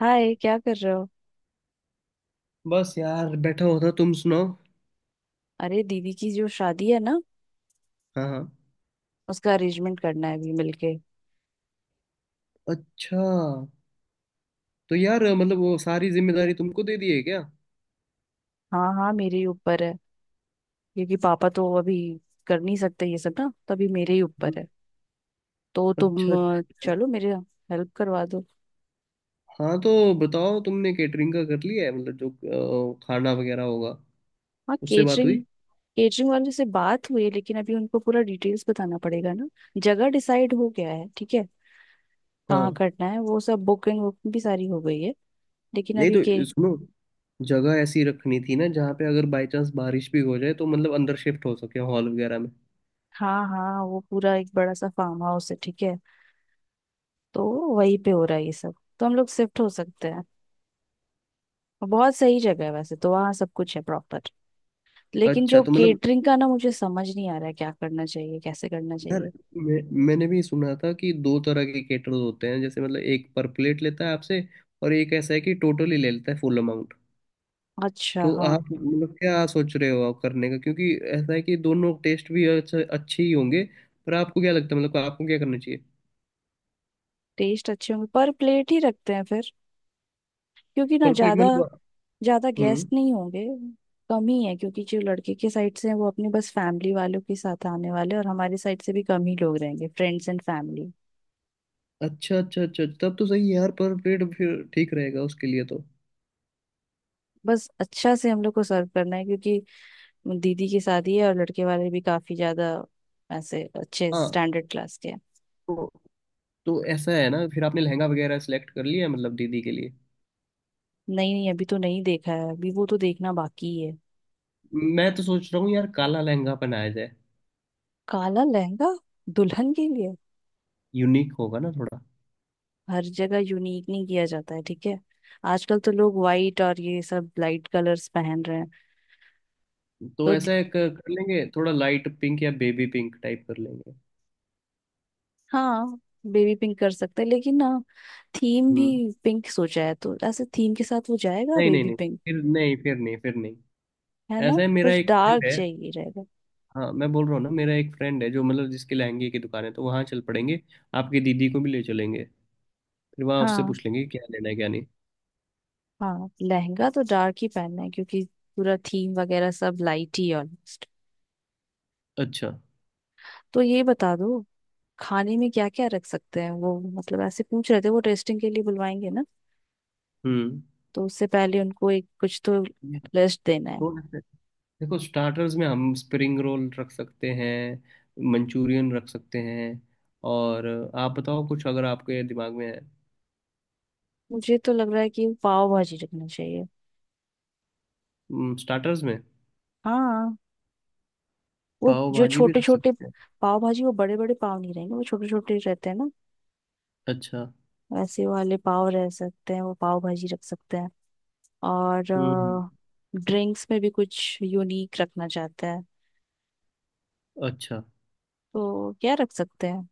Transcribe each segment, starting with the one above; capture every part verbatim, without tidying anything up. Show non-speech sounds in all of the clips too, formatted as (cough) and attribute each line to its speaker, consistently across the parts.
Speaker 1: हाय, क्या कर रहे हो।
Speaker 2: बस यार बैठा होता। तुम सुनाओ।
Speaker 1: अरे दीदी की जो शादी है ना,
Speaker 2: हाँ हाँ।
Speaker 1: उसका अरेंजमेंट करना है अभी मिलके।
Speaker 2: अच्छा। तो यार मतलब वो सारी जिम्मेदारी तुमको दे दी है क्या।
Speaker 1: हाँ हाँ, मेरे ही ऊपर है। क्योंकि पापा तो अभी कर नहीं सकते ये सब ना, तो अभी मेरे ही ऊपर है।
Speaker 2: हम्म।
Speaker 1: तो तुम
Speaker 2: अच्छा
Speaker 1: अ,
Speaker 2: अच्छा।
Speaker 1: चलो मेरे हेल्प करवा दो।
Speaker 2: हाँ तो बताओ, तुमने केटरिंग का कर लिया है मतलब जो अ, खाना वगैरह होगा?
Speaker 1: हाँ,
Speaker 2: उससे बात हुई?
Speaker 1: केटरिंग। केटरिंग वाले से बात हुई है, लेकिन अभी उनको पूरा डिटेल्स बताना पड़ेगा ना। जगह डिसाइड हो गया है, ठीक है। कहाँ
Speaker 2: हाँ।
Speaker 1: करना है वो सब, बुकिंग वुकिंग भी सारी हो गई है। लेकिन
Speaker 2: नहीं
Speaker 1: अभी
Speaker 2: तो
Speaker 1: के।
Speaker 2: सुनो, जगह ऐसी रखनी थी ना जहाँ पे अगर बाई चांस बारिश भी हो जाए तो मतलब अंदर शिफ्ट हो सके हॉल वगैरह में।
Speaker 1: हाँ हाँ, वो पूरा एक बड़ा सा फार्म हाउस है, ठीक है। तो वहीं पे हो रहा है ये सब। तो हम लोग शिफ्ट हो सकते हैं। और बहुत सही जगह है, वैसे तो वहाँ सब कुछ है प्रॉपर। लेकिन
Speaker 2: अच्छा
Speaker 1: जो
Speaker 2: तो मतलब
Speaker 1: केटरिंग का ना, मुझे समझ नहीं आ रहा है क्या करना चाहिए, कैसे करना
Speaker 2: यार,
Speaker 1: चाहिए।
Speaker 2: मैं मैंने भी सुना था कि दो तरह के केटर्स होते हैं। जैसे मतलब एक पर प्लेट लेता है आपसे, और एक ऐसा है कि टोटली ले लेता है फुल अमाउंट।
Speaker 1: अच्छा
Speaker 2: तो
Speaker 1: हाँ।
Speaker 2: आप मतलब क्या सोच रहे हो आप करने का? क्योंकि ऐसा है कि दोनों टेस्ट भी अच्छा अच्छे ही होंगे। पर आपको क्या लगता है मतलब आपको क्या करना चाहिए?
Speaker 1: टेस्ट अच्छे होंगे, पर प्लेट ही रखते हैं फिर। क्योंकि ना
Speaker 2: पर प्लेट
Speaker 1: ज्यादा
Speaker 2: मतलब?
Speaker 1: ज्यादा गेस्ट
Speaker 2: हम्म।
Speaker 1: नहीं होंगे। कम ही है, क्योंकि जो लड़के के साइड से हैं वो अपने बस फैमिली वालों के साथ आने वाले हैं, और हमारे साइड से भी कम ही लोग रहेंगे, फ्रेंड्स एंड फैमिली।
Speaker 2: अच्छा अच्छा अच्छा अच्छा, तब तो सही है यार। पर प्लेट फिर ठीक रहेगा उसके लिए तो।
Speaker 1: बस अच्छा से हम लोग को सर्व करना है, क्योंकि दीदी की शादी है और लड़के वाले भी काफी ज्यादा ऐसे अच्छे
Speaker 2: हाँ
Speaker 1: स्टैंडर्ड क्लास के हैं।
Speaker 2: तो तो ऐसा है ना, फिर आपने लहंगा वगैरह सेलेक्ट कर लिया मतलब दीदी के लिए?
Speaker 1: नहीं नहीं, अभी तो नहीं देखा है, अभी वो तो देखना बाकी है।
Speaker 2: मैं तो सोच रहा हूँ यार काला लहंगा पहनाया जाए।
Speaker 1: काला लहंगा? दुल्हन के लिए?
Speaker 2: यूनिक होगा ना थोड़ा।
Speaker 1: हर जगह यूनिक नहीं किया जाता है, ठीक है। आजकल तो लोग वाइट और ये सब लाइट कलर्स पहन रहे हैं।
Speaker 2: तो
Speaker 1: तो दी-
Speaker 2: ऐसा एक कर लेंगे, थोड़ा लाइट पिंक या बेबी पिंक टाइप कर लेंगे।
Speaker 1: हाँ, बेबी पिंक कर सकते हैं लेकिन ना, थीम भी
Speaker 2: हम्म।
Speaker 1: पिंक सोचा है, तो ऐसे थीम के साथ वो जाएगा
Speaker 2: नहीं नहीं
Speaker 1: बेबी
Speaker 2: नहीं।
Speaker 1: पिंक।
Speaker 2: फिर नहीं फिर नहीं फिर नहीं।
Speaker 1: है ना।
Speaker 2: ऐसा है मेरा
Speaker 1: कुछ
Speaker 2: एक फ्रेंड
Speaker 1: डार्क
Speaker 2: है।
Speaker 1: चाहिए रहेगा।
Speaker 2: हाँ मैं बोल रहा हूँ ना, मेरा एक फ्रेंड है जो मतलब जिसके लहंगे की दुकान है, तो वहाँ चल पड़ेंगे। आपकी दीदी को भी ले चलेंगे। फिर वहाँ उससे
Speaker 1: हाँ
Speaker 2: पूछ लेंगे कि क्या लेना है क्या नहीं।
Speaker 1: हाँ, लहंगा तो डार्क ही पहनना है, क्योंकि पूरा थीम वगैरह सब लाइट ही ऑलमोस्ट।
Speaker 2: अच्छा।
Speaker 1: तो ये बता दो, खाने में क्या क्या रख सकते हैं। वो मतलब ऐसे पूछ रहे थे वो, टेस्टिंग के लिए बुलवाएंगे ना,
Speaker 2: हम्म।
Speaker 1: तो उससे पहले उनको एक कुछ तो लिस्ट देना है।
Speaker 2: तो ऐसे- देखो, स्टार्टर्स में हम स्प्रिंग रोल रख सकते हैं, मंचूरियन रख सकते हैं। और आप बताओ कुछ अगर आपके दिमाग में है।
Speaker 1: मुझे तो लग रहा है कि पाव भाजी रखना चाहिए।
Speaker 2: स्टार्टर्स में?
Speaker 1: हाँ, वो
Speaker 2: पाव
Speaker 1: जो
Speaker 2: भाजी भी
Speaker 1: छोटे
Speaker 2: रख
Speaker 1: छोटे
Speaker 2: सकते हैं।
Speaker 1: पाव भाजी। वो बड़े बड़े पाव नहीं रहेंगे, वो छोटे छोटे रहते हैं ना,
Speaker 2: अच्छा।
Speaker 1: वैसे वाले पाव रह सकते हैं, वो पाव भाजी रख सकते हैं। और
Speaker 2: हम्म।
Speaker 1: ड्रिंक्स में भी कुछ यूनिक रखना चाहते हैं,
Speaker 2: अच्छा।
Speaker 1: तो क्या रख सकते हैं।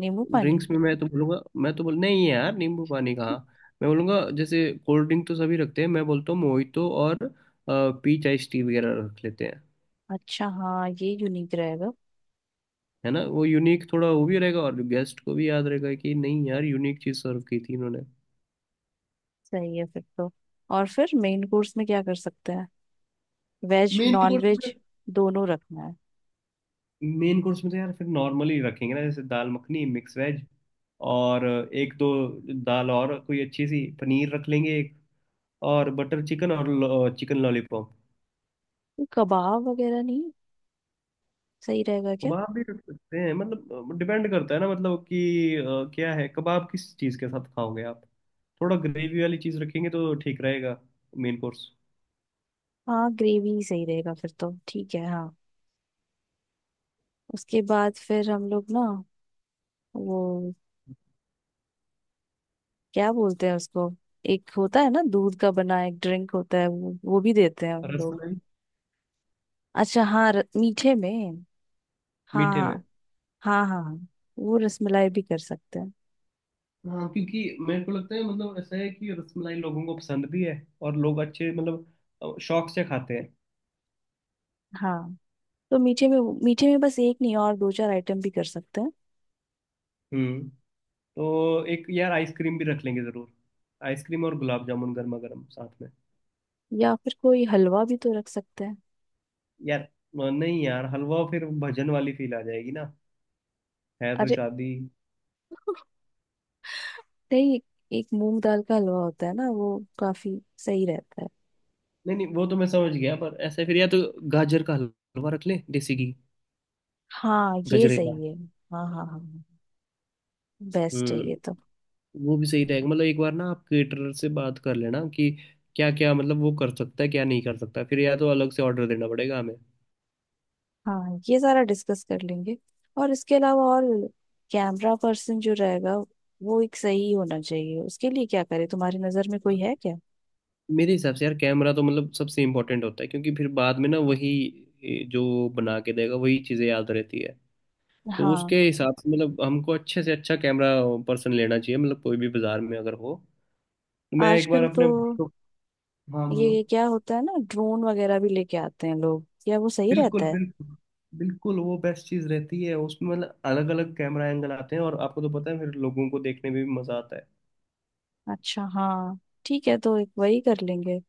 Speaker 1: नींबू पानी?
Speaker 2: ड्रिंक्स में मैं तो बोलूँगा मैं तो बोल नहीं यार नींबू पानी कहाँ। मैं बोलूँगा जैसे, कोल्ड ड्रिंक तो सभी रखते हैं, मैं बोलता हूँ मोहितो और पीच आइस टी वगैरह रख लेते हैं।
Speaker 1: अच्छा हाँ, ये यूनिक रहेगा।
Speaker 2: है ना, वो यूनिक थोड़ा वो भी रहेगा, और गेस्ट को भी याद रहेगा कि नहीं यार यूनिक चीज़ सर्व की थी इन्होंने।
Speaker 1: सही है फिर तो। और फिर मेन कोर्स में क्या कर सकते हैं? वेज
Speaker 2: मेन
Speaker 1: नॉन
Speaker 2: कोर्स में?
Speaker 1: वेज दोनों रखना है।
Speaker 2: मेन कोर्स में तो यार फिर नॉर्मली रखेंगे ना, जैसे दाल मखनी, मिक्स वेज, और एक दो दाल, और कोई अच्छी सी पनीर रख लेंगे, और बटर चिकन और चिकन लॉलीपॉप।
Speaker 1: तो कबाब वगैरह नहीं सही रहेगा क्या?
Speaker 2: कबाब भी रख सकते हैं, मतलब डिपेंड करता है ना, मतलब कि अ, क्या है, कबाब किस चीज़ के साथ खाओगे आप। थोड़ा ग्रेवी वाली चीज़ रखेंगे तो ठीक रहेगा मेन कोर्स।
Speaker 1: हाँ, ग्रेवी ही सही रहेगा फिर तो, ठीक है हाँ। उसके बाद फिर हम लोग ना, वो क्या बोलते हैं उसको, एक होता है ना दूध का बना एक ड्रिंक होता है, वो वो भी देते हैं हम लोग।
Speaker 2: रसमलाई।
Speaker 1: अच्छा हाँ, र- मीठे में। हाँ
Speaker 2: मीठे में।
Speaker 1: हाँ। हाँ हाँ, वो रसमलाई भी कर सकते हैं।
Speaker 2: हाँ, क्योंकि मेरे को लगता है मतलब ऐसा है कि रसमलाई लोगों को पसंद भी है, और लोग अच्छे मतलब अ, शौक से खाते हैं।
Speaker 1: हाँ, तो मीठे में, मीठे में बस एक नहीं और दो चार आइटम भी कर सकते हैं।
Speaker 2: हम्म। तो एक यार आइसक्रीम भी रख लेंगे ज़रूर। आइसक्रीम और गुलाब जामुन गर्मा गर्म साथ में।
Speaker 1: या फिर कोई हलवा भी तो रख सकते हैं।
Speaker 2: यार अ, नहीं यार, हलवा फिर भजन वाली फील आ जाएगी ना। है तो
Speaker 1: अरे
Speaker 2: शादी।
Speaker 1: नहीं, एक मूंग दाल का हलवा होता है ना, वो काफी सही रहता है।
Speaker 2: नहीं नहीं, वो तो मैं समझ गया, पर ऐसे फिर या तो गाजर का हलवा रख ले देसी घी।
Speaker 1: हाँ ये
Speaker 2: गजरेला।
Speaker 1: सही है। हाँ हाँ हाँ, बेस्ट है ये
Speaker 2: हम्म।
Speaker 1: तो।
Speaker 2: वो भी सही रहेगा। मतलब एक बार ना आप केटरर से बात कर लेना कि क्या क्या मतलब वो कर सकता है क्या नहीं कर सकता, फिर या तो अलग से ऑर्डर देना पड़ेगा हमें।
Speaker 1: हाँ, ये सारा डिस्कस कर लेंगे। और इसके अलावा, और कैमरा पर्सन जो रहेगा वो एक सही होना चाहिए, उसके लिए क्या करें, तुम्हारी नजर में कोई है क्या?
Speaker 2: मेरे हिसाब से यार कैमरा तो मतलब सबसे इम्पोर्टेंट होता है, क्योंकि फिर बाद में ना वही ए, जो बना के देगा वही चीज़ें याद रहती है। तो उसके
Speaker 1: हाँ।
Speaker 2: हिसाब से मतलब हमको अच्छे से अच्छा कैमरा पर्सन लेना चाहिए, मतलब कोई भी बाजार में अगर हो। मैं एक बार
Speaker 1: आजकल तो
Speaker 2: अपने भाई को। हाँ बोलो।
Speaker 1: ये क्या होता है ना, ड्रोन वगैरह भी लेके आते हैं लोग, क्या वो सही रहता
Speaker 2: बिल्कुल
Speaker 1: है?
Speaker 2: बिल्कुल। बिल्कुल वो बेस्ट चीज रहती है उसमें, मतलब अलग अलग कैमरा एंगल आते हैं, और आपको तो पता है फिर लोगों को देखने में भी मजा आता है।
Speaker 1: अच्छा हाँ, ठीक है, तो एक वही कर लेंगे।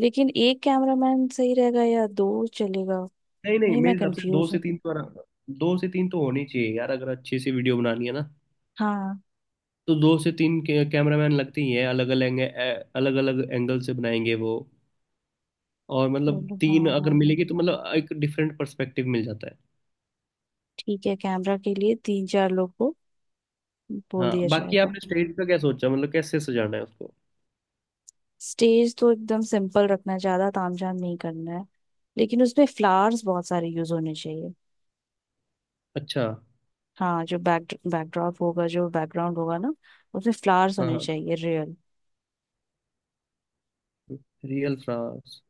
Speaker 1: लेकिन एक कैमरामैन सही रहेगा या दो चलेगा?
Speaker 2: नहीं नहीं,
Speaker 1: नहीं,
Speaker 2: मेरे
Speaker 1: मैं
Speaker 2: हिसाब से दो
Speaker 1: कंफ्यूज
Speaker 2: से
Speaker 1: हूँ।
Speaker 2: तीन तो आराम। दो से तीन तो होनी चाहिए यार, अगर अच्छी सी वीडियो बनानी है ना।
Speaker 1: हाँ।
Speaker 2: तो दो से तीन के कैमरामैन लगते ही हैं अलग अलग। अलग अलग एंगल से बनाएंगे वो। और मतलब
Speaker 1: चलो हाँ
Speaker 2: तीन अगर
Speaker 1: हाँ हाँ,
Speaker 2: मिलेगी तो मतलब एक डिफरेंट पर्सपेक्टिव मिल जाता है।
Speaker 1: ठीक है, कैमरा के लिए तीन चार लोग को बोल
Speaker 2: हाँ,
Speaker 1: दिया
Speaker 2: बाकी
Speaker 1: जाएगा।
Speaker 2: आपने स्टेज का क्या सोचा मतलब कैसे सजाना है उसको?
Speaker 1: स्टेज तो एकदम सिंपल रखना है, ज्यादा तामझाम नहीं करना है, लेकिन उसमें फ्लावर्स बहुत सारे यूज होने चाहिए।
Speaker 2: अच्छा।
Speaker 1: हाँ, जो बैक बैकड्रॉप होगा, जो बैकग्राउंड होगा ना, उसमें फ्लावर्स
Speaker 2: हाँ
Speaker 1: होने
Speaker 2: हाँ।
Speaker 1: चाहिए, रियल।
Speaker 2: Real France.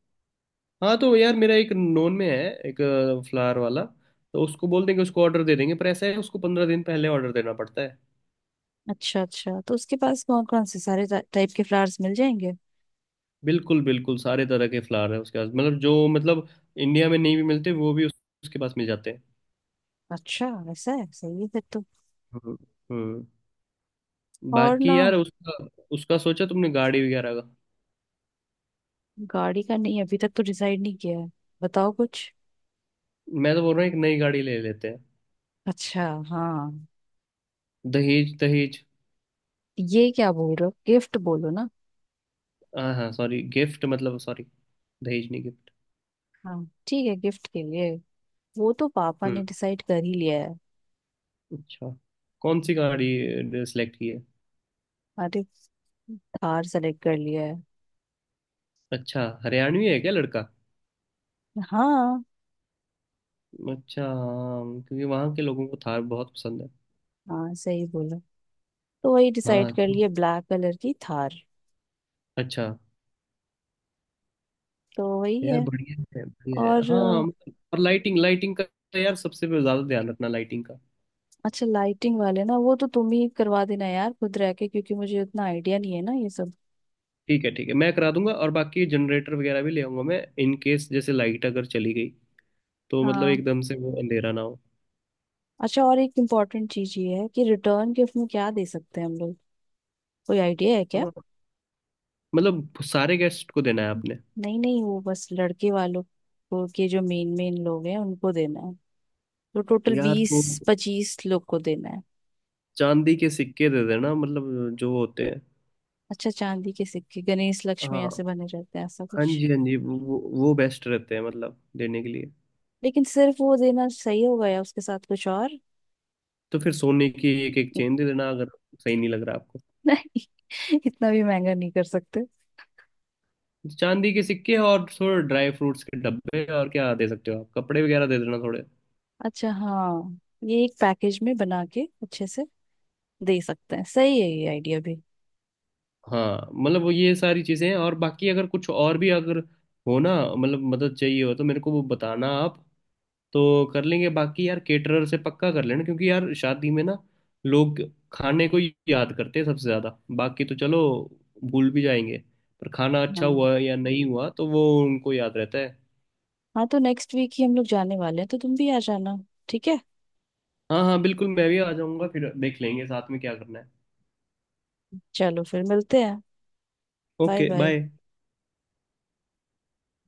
Speaker 2: हाँ तो यार मेरा एक नोन में है, एक फ्लावर वाला। तो उसको बोल देंगे, उसको ऑर्डर दे देंगे, पर ऐसा है उसको पंद्रह दिन पहले ऑर्डर देना पड़ता है।
Speaker 1: अच्छा अच्छा, तो उसके पास कौन कौन से सारे टाइप के फ्लावर्स मिल जाएंगे?
Speaker 2: बिल्कुल बिल्कुल, सारे तरह के फ्लावर है उसके पास, मतलब जो मतलब इंडिया में नहीं भी मिलते वो भी उस, उसके पास मिल जाते हैं।
Speaker 1: अच्छा, वैसा है, सही है फिर तो।
Speaker 2: हम्म। हम्म।
Speaker 1: और ना,
Speaker 2: बाकी यार उसका, उसका सोचा तुमने गाड़ी वगैरह का?
Speaker 1: गाड़ी का नहीं अभी तक तो डिसाइड नहीं किया है, बताओ कुछ।
Speaker 2: मैं तो बोल रहा हूँ एक नई गाड़ी ले लेते हैं।
Speaker 1: अच्छा हाँ।
Speaker 2: दहेज दहेज।
Speaker 1: ये क्या बोल रहे हो, गिफ्ट बोलो ना।
Speaker 2: हाँ हाँ सॉरी, गिफ्ट मतलब, सॉरी दहेज नहीं, गिफ्ट।
Speaker 1: हाँ ठीक है, गिफ्ट के लिए वो तो पापा
Speaker 2: हम्म।
Speaker 1: ने डिसाइड कर ही लिया है।
Speaker 2: अच्छा, कौन सी गाड़ी सिलेक्ट की है?
Speaker 1: अरे, कार सेलेक्ट कर लिया है।
Speaker 2: अच्छा, हरियाणवी है क्या लड़का?
Speaker 1: हाँ।
Speaker 2: अच्छा हाँ, क्योंकि वहाँ के लोगों को थार बहुत पसंद है।
Speaker 1: हाँ सही बोला, तो वही डिसाइड
Speaker 2: हाँ।
Speaker 1: कर लिए, ब्लैक कलर की थार।
Speaker 2: अच्छा।
Speaker 1: तो वही
Speaker 2: यार
Speaker 1: है।
Speaker 2: बढ़िया है बढ़िया है।
Speaker 1: और।
Speaker 2: हाँ मतलब- और लाइटिंग, लाइटिंग का यार सबसे ज़्यादा ध्यान रखना, लाइटिंग का।
Speaker 1: अच्छा, लाइटिंग वाले ना वो तो तुम ही करवा देना यार, खुद रह के, क्योंकि मुझे उतना आइडिया नहीं है ना ये सब।
Speaker 2: ठीक है ठीक है, मैं करा दूंगा। और बाकी जनरेटर वगैरह भी ले आऊंगा मैं इन केस जैसे लाइट अगर चली गई, तो मतलब
Speaker 1: हाँ।
Speaker 2: एकदम से वो अंधेरा ना हो।
Speaker 1: अच्छा, और एक इम्पोर्टेंट चीज ये है कि रिटर्न गिफ्ट में क्या दे सकते हैं हम लोग, कोई आइडिया है क्या?
Speaker 2: हाँ, मतलब सारे गेस्ट को देना है आपने?
Speaker 1: नहीं नहीं, वो बस लड़के वालों को के जो मेन मेन लोग हैं उनको देना है। तो टोटल
Speaker 2: यार
Speaker 1: बीस
Speaker 2: तो
Speaker 1: पच्चीस लोग को देना है।
Speaker 2: चांदी के सिक्के दे देना, मतलब जो होते हैं।
Speaker 1: अच्छा, चांदी के सिक्के गणेश लक्ष्मी
Speaker 2: हाँ।
Speaker 1: ऐसे बने रहते हैं, ऐसा
Speaker 2: हाँ
Speaker 1: कुछ?
Speaker 2: जी हाँ जी, वो वो बेस्ट रहते हैं मतलब देने के लिए।
Speaker 1: लेकिन सिर्फ वो देना सही होगा या उसके साथ कुछ और?
Speaker 2: तो फिर सोने की एक एक चेन
Speaker 1: (laughs)
Speaker 2: दे देना अगर। सही नहीं लग रहा आपको?
Speaker 1: नहीं, इतना भी महंगा नहीं कर सकते।
Speaker 2: तो चांदी के सिक्के और थोड़े ड्राई फ्रूट्स के डब्बे। और क्या दे सकते हो आप, कपड़े वगैरह दे देना थोड़े।
Speaker 1: अच्छा हाँ, ये एक पैकेज में बना के अच्छे से दे सकते हैं। सही है ये आइडिया भी।
Speaker 2: हाँ मतलब वो ये सारी चीजें हैं, और बाकी अगर कुछ और भी अगर हो ना मतलब मदद चाहिए हो तो मेरे को वो बताना आप, तो कर लेंगे। बाकी यार केटरर से पक्का कर लेना, क्योंकि यार शादी में ना लोग खाने को ही याद करते हैं सबसे ज्यादा। बाकी तो चलो भूल भी जाएंगे, पर खाना अच्छा
Speaker 1: हाँ।
Speaker 2: हुआ या नहीं हुआ तो वो उनको याद रहता है।
Speaker 1: हाँ, तो नेक्स्ट वीक ही हम लोग जाने वाले हैं, तो तुम भी आ जाना, ठीक है।
Speaker 2: हाँ हाँ बिल्कुल, मैं भी आ जाऊंगा, फिर देख लेंगे साथ में क्या करना है।
Speaker 1: चलो फिर मिलते हैं। Bye
Speaker 2: okay
Speaker 1: bye.
Speaker 2: बाय।